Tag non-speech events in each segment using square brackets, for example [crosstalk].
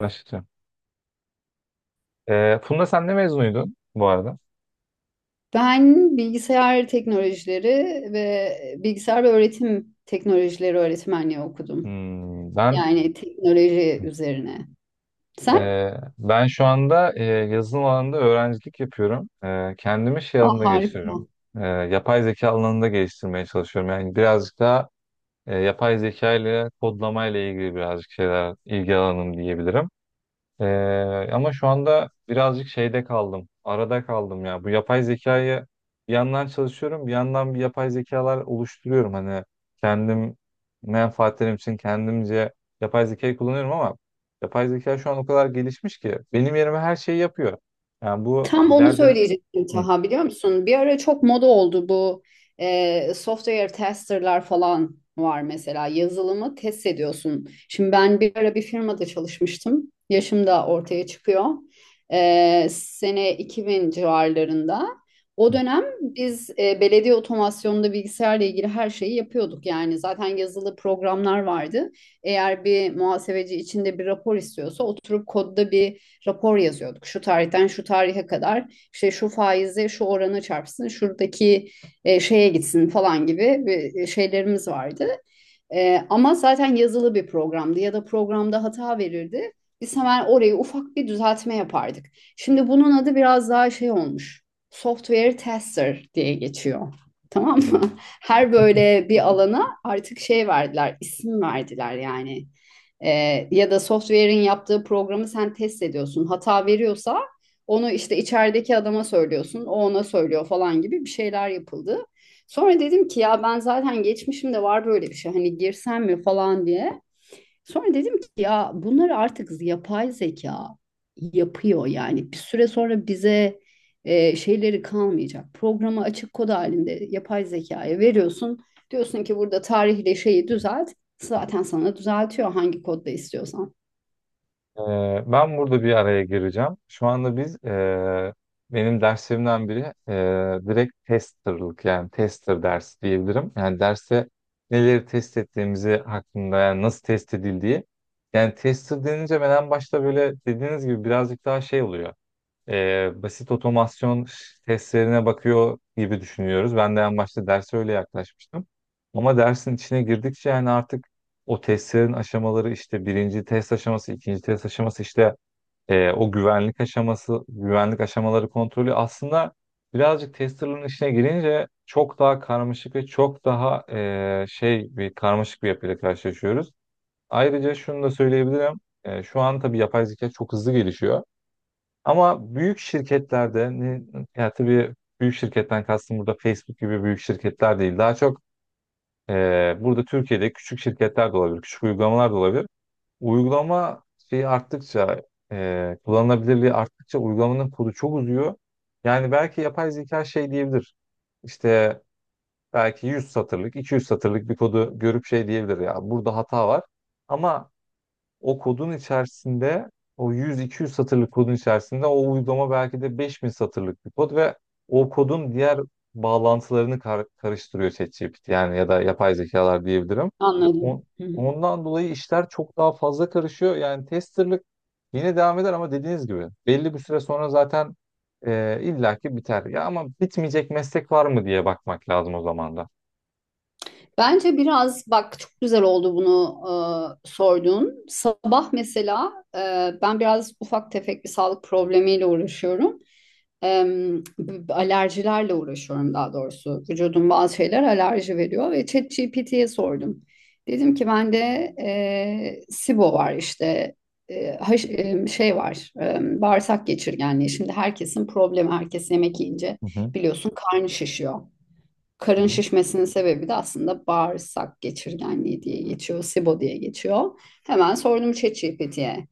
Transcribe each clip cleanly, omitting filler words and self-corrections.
Araştıracağım. Funda, sen ne mezunuydun bu arada? Ben bilgisayar teknolojileri ve bilgisayar ve öğretim teknolojileri öğretmenliği okudum. Hmm, ben Yani teknoloji üzerine. Sen? e, ben şu anda yazılım alanında öğrencilik yapıyorum. Kendimi şey Aa, alanında harika. geliştiriyorum. Yapay zeka alanında geliştirmeye çalışıyorum. Yani birazcık daha yapay zeka ile kodlama ile ilgili birazcık şeyler ilgi alanım diyebilirim. Ama şu anda birazcık şeyde kaldım. Arada kaldım ya. Bu yapay zekayı bir yandan çalışıyorum, bir yandan bir yapay zekalar oluşturuyorum. Hani kendim menfaatlerim için kendimce yapay zekayı kullanıyorum ama yapay zeka şu an o kadar gelişmiş ki benim yerime her şeyi yapıyor. Yani bu Tam onu ileride. söyleyecektim Hı. Taha, biliyor musun? Bir ara çok moda oldu bu software testerlar falan var mesela. Yazılımı test ediyorsun. Şimdi ben bir ara bir firmada çalışmıştım. Yaşım da ortaya çıkıyor. E, sene 2000 civarlarında. O dönem biz belediye otomasyonunda bilgisayarla ilgili her şeyi yapıyorduk. Yani zaten yazılı programlar vardı. Eğer bir muhasebeci içinde bir rapor istiyorsa oturup kodda bir rapor yazıyorduk. Şu tarihten şu tarihe kadar işte şu faize şu oranı çarpsın, şuradaki şeye gitsin falan gibi şeylerimiz vardı. Ama zaten yazılı bir programdı ya da programda hata verirdi. Biz hemen orayı ufak bir düzeltme yapardık. Şimdi bunun adı biraz daha şey olmuş. Software tester diye geçiyor. [laughs] Tamam [laughs] mı? Her Hı. böyle bir alana artık şey verdiler, isim verdiler yani. Ya da software'in yaptığı programı sen test ediyorsun. Hata veriyorsa onu işte içerideki adama söylüyorsun, o ona söylüyor falan gibi bir şeyler yapıldı. Sonra dedim ki ya ben zaten geçmişimde var böyle bir şey, hani girsem mi falan diye. Sonra dedim ki ya bunları artık yapay zeka yapıyor, yani bir süre sonra bize şeyleri kalmayacak. Programı açık kod halinde yapay zekaya veriyorsun. Diyorsun ki burada tarihle şeyi düzelt. Zaten sana düzeltiyor hangi kodda istiyorsan. Ben burada bir araya gireceğim. Şu anda biz benim derslerimden biri direkt testerlık, yani tester dersi diyebilirim. Yani derste neleri test ettiğimizi hakkında, yani nasıl test edildiği. Yani tester denince ben en başta böyle dediğiniz gibi birazcık daha şey oluyor, basit otomasyon testlerine bakıyor gibi düşünüyoruz. Ben de en başta derse öyle yaklaşmıştım. Ama dersin içine girdikçe, yani artık o testlerin aşamaları, işte birinci test aşaması, ikinci test aşaması, işte o güvenlik aşaması, güvenlik aşamaları kontrolü, aslında birazcık testerların içine girince çok daha karmaşık ve çok daha şey bir karmaşık bir yapıyla karşılaşıyoruz. Ayrıca şunu da söyleyebilirim. E, şu an tabii yapay zeka çok hızlı gelişiyor. Ama büyük şirketlerde ne, yani tabii büyük şirketten kastım burada Facebook gibi büyük şirketler değil. Daha çok e, burada Türkiye'de küçük şirketler de olabilir, küçük uygulamalar da olabilir. Uygulama şeyi arttıkça, kullanılabilirliği arttıkça uygulamanın kodu çok uzuyor. Yani belki yapay zeka şey diyebilir. İşte belki 100 satırlık, 200 satırlık bir kodu görüp şey diyebilir ya, burada hata var. Ama o kodun içerisinde, o 100-200 satırlık kodun içerisinde o uygulama belki de 5000 satırlık bir kod ve o kodun diğer bağlantılarını karıştırıyor ChatGPT, yani ya da yapay zekalar diyebilirim. Anladım. On- ondan dolayı işler çok daha fazla karışıyor. Yani testerlık yine devam eder ama dediğiniz gibi belli bir süre sonra zaten illaki biter. Ya ama bitmeyecek meslek var mı diye bakmak lazım o zaman da. Bence biraz bak, çok güzel oldu bunu sorduğun. Sabah mesela ben biraz ufak tefek bir sağlık problemiyle uğraşıyorum. E, alerjilerle uğraşıyorum daha doğrusu. Vücudum bazı şeyler alerji veriyor ve ChatGPT'ye sordum. Dedim ki bende SIBO var, işte e, haş- şey var, bağırsak geçirgenliği. Şimdi herkesin problemi, herkes yemek yiyince Hı hı. biliyorsun karnı şişiyor. Hı Karın hı. şişmesinin sebebi de aslında bağırsak geçirgenliği diye geçiyor, SIBO diye geçiyor. Hemen sordum ChatGPT'ye.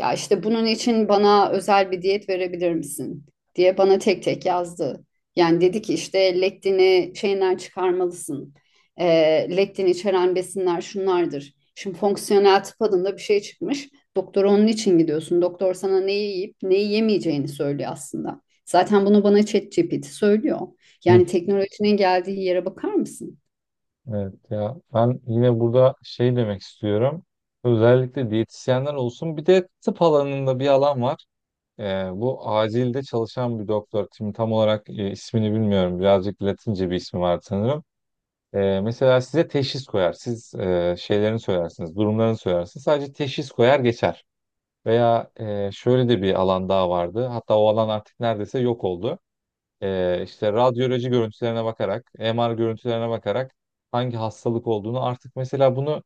Ya işte bunun için bana özel bir diyet verebilir misin diye bana tek tek yazdı. Yani dedi ki işte lektini şeyinden çıkarmalısın. Lektin içeren besinler şunlardır. Şimdi fonksiyonel tıp adında bir şey çıkmış. Doktora onun için gidiyorsun. Doktor sana neyi yiyip neyi yemeyeceğini söylüyor aslında. Zaten bunu bana ChatGPT söylüyor. Yani teknolojinin geldiği yere bakar mısın? Evet ya, ben yine burada şey demek istiyorum. Özellikle diyetisyenler olsun. Bir de tıp alanında bir alan var. Bu acilde çalışan bir doktor. Şimdi tam olarak ismini bilmiyorum. Birazcık Latince bir ismi var sanırım. Mesela size teşhis koyar. Siz şeylerini söylersiniz, durumlarını söylersiniz. Sadece teşhis koyar geçer. Veya şöyle de bir alan daha vardı. Hatta o alan artık neredeyse yok oldu, işte radyoloji görüntülerine bakarak, MR görüntülerine bakarak hangi hastalık olduğunu, artık mesela bunu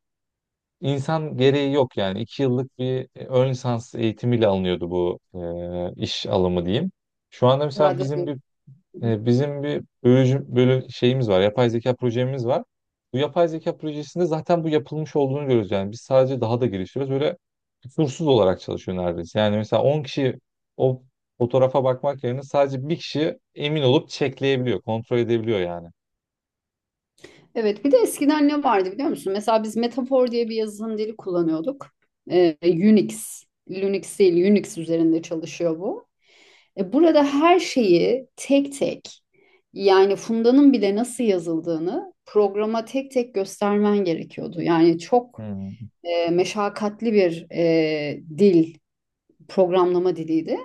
insan gereği yok yani. İki yıllık bir ön lisans eğitimiyle alınıyordu bu iş alımı diyeyim. Şu anda mesela Radyo. bizim bir bölücü, bölü şeyimiz var. Yapay zeka projemiz var. Bu yapay zeka projesinde zaten bu yapılmış olduğunu görüyoruz. Yani biz sadece daha da geliştiriyoruz. Böyle kusursuz olarak çalışıyor neredeyse. Yani mesela 10 kişi o fotoğrafa bakmak yerine sadece bir kişi emin olup çekleyebiliyor, kontrol edebiliyor yani. Evet, bir de eskiden ne vardı biliyor musun? Mesela biz metafor diye bir yazılım dili kullanıyorduk. Unix, Linux değil, Unix üzerinde çalışıyor bu. E, burada her şeyi tek tek, yani Funda'nın bile nasıl yazıldığını programa tek tek göstermen gerekiyordu. Yani çok Hmm. Meşakkatli bir dil, programlama diliydi.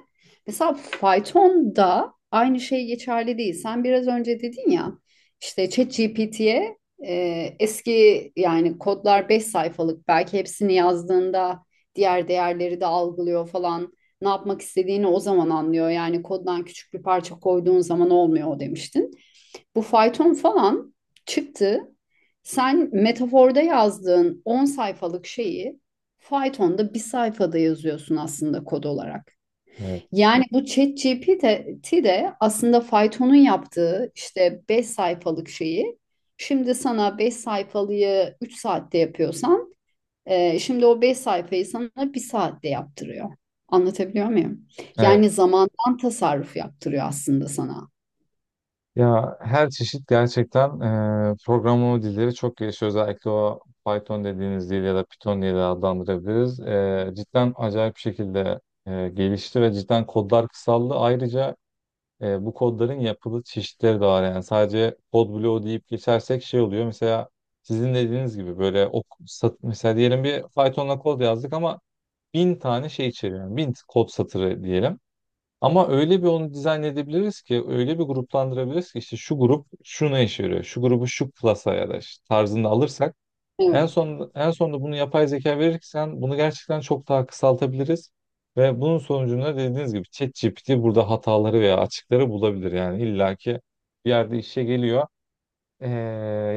Mesela Python'da aynı şey geçerli değil. Sen biraz önce dedin ya işte ChatGPT'ye eski yani kodlar, 5 sayfalık belki, hepsini yazdığında diğer değerleri de algılıyor falan. Ne yapmak istediğini o zaman anlıyor. Yani koddan küçük bir parça koyduğun zaman olmuyor o demiştin. Bu fayton falan çıktı. Sen metaforda yazdığın 10 sayfalık şeyi Python'da bir sayfada yazıyorsun aslında kod olarak. Evet. Yani bu ChatGPT de aslında Python'un yaptığı işte 5 sayfalık şeyi, şimdi sana 5 sayfalığı 3 saatte yapıyorsan şimdi o 5 sayfayı sana 1 saatte yaptırıyor. Anlatabiliyor muyum? Yani Evet. zamandan tasarruf yaptırıyor aslında sana. Ya, her çeşit gerçekten programlama dilleri çok gelişiyor. Özellikle o Python dediğiniz dil ya da Python diye de adlandırabiliriz. E, cidden acayip bir şekilde gelişti ve cidden kodlar kısaldı. Ayrıca bu kodların yapılı çeşitleri de var. Yani sadece kod bloğu deyip geçersek şey oluyor. Mesela sizin dediğiniz gibi böyle o sat, mesela diyelim bir Python'la kod yazdık ama bin tane şey içeriyor. Yani bin kod satırı diyelim. Ama öyle bir onu dizayn edebiliriz ki, öyle bir gruplandırabiliriz ki işte şu grup şuna işe yarıyor, şu grubu şu klasa ya da işte tarzında alırsak en Evet. son en sonunda bunu yapay zeka verirsen bunu gerçekten çok daha kısaltabiliriz ve bunun sonucunda dediğiniz gibi ChatGPT burada hataları veya açıkları bulabilir, yani illaki bir yerde işe geliyor. Ee,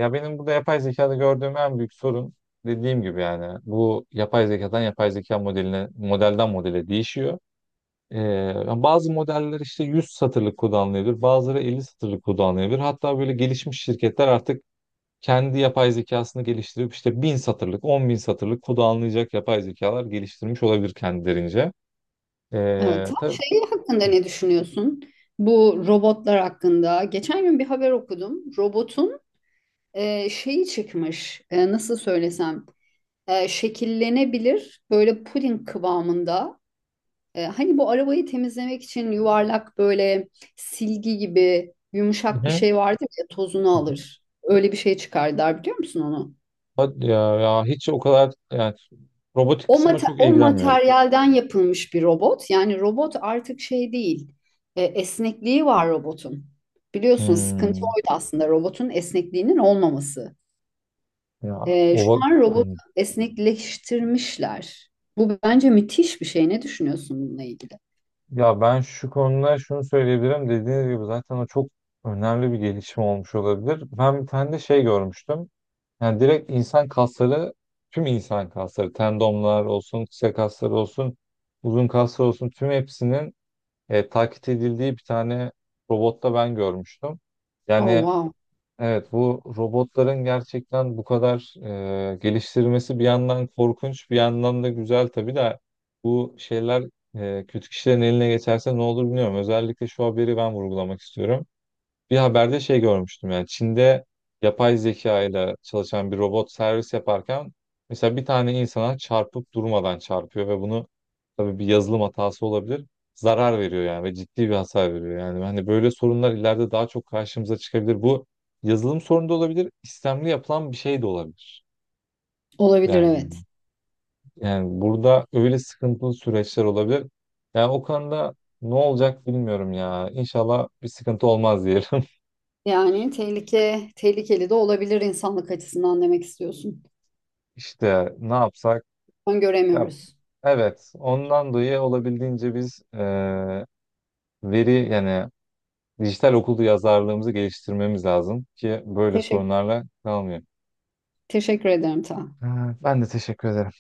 Ya benim burada yapay zekada gördüğüm en büyük sorun dediğim gibi, yani bu yapay zekadan yapay zeka modeline, modelden modele değişiyor. Yani bazı modeller işte 100 satırlık kullanılabilir, bazıları 50 satırlık kullanılabilir. Hatta böyle gelişmiş şirketler artık kendi yapay zekasını geliştirip işte bin satırlık, 10.000 satırlık kullanılacak yapay zekalar geliştirmiş olabilir kendilerince. Evet. Tam Tabii. şey hakkında Hı. ne düşünüyorsun? Bu robotlar hakkında. Geçen gün bir haber okudum. Robotun şeyi çıkmış. E, nasıl söylesem? Şekillenebilir. Böyle puding kıvamında. E, hani bu arabayı temizlemek için yuvarlak böyle silgi gibi yumuşak bir Hı şey vardır ya, tozunu hı. alır. Öyle bir şey çıkardılar, biliyor musun onu? Hadi ya, ya hiç o kadar yani robotik O, kısmına çok o ilgilenmiyorum. materyalden yapılmış bir robot. Yani robot artık şey değil. E, esnekliği var robotun. Biliyorsun sıkıntı Hmm, oydu aslında, robotun esnekliğinin olmaması. ya o E, şu an robot hmm. esnekleştirmişler. Bu bence müthiş bir şey. Ne düşünüyorsun bununla ilgili? Ya ben şu konuda şunu söyleyebilirim, dediğiniz gibi zaten o çok önemli bir gelişim olmuş olabilir. Ben bir tane de şey görmüştüm. Yani direkt insan kasları, tüm insan kasları, tendonlar olsun, kısa kaslar olsun, uzun kaslar olsun, tüm hepsinin taklit edildiği bir tane robotta ben görmüştüm. Oh, Yani wow. evet, bu robotların gerçekten bu kadar geliştirmesi bir yandan korkunç, bir yandan da güzel tabii de bu şeyler kötü kişilerin eline geçerse ne olur bilmiyorum. Özellikle şu haberi ben vurgulamak istiyorum. Bir haberde şey görmüştüm, yani Çin'de yapay zeka ile çalışan bir robot servis yaparken mesela bir tane insana çarpıp durmadan çarpıyor ve bunu tabii bir yazılım hatası olabilir. Zarar veriyor yani ve ciddi bir hasar veriyor. Yani hani böyle sorunlar ileride daha çok karşımıza çıkabilir. Bu yazılım sorunu da olabilir, istemli yapılan bir şey de olabilir. Olabilir, evet. Yani yani burada öyle sıkıntılı süreçler olabilir. Yani o konuda ne olacak bilmiyorum ya. İnşallah bir sıkıntı olmaz diyelim. [laughs] Yani tehlike, tehlikeli de olabilir insanlık açısından demek istiyorsun. İşte ne yapsak. Ya, Öngöremiyoruz. evet, ondan dolayı olabildiğince biz veri, yani dijital okul yazarlığımızı geliştirmemiz lazım ki böyle Teşekkür sorunlarla kalmayalım. teşekkür ederim ta. Ha, ben de teşekkür ederim.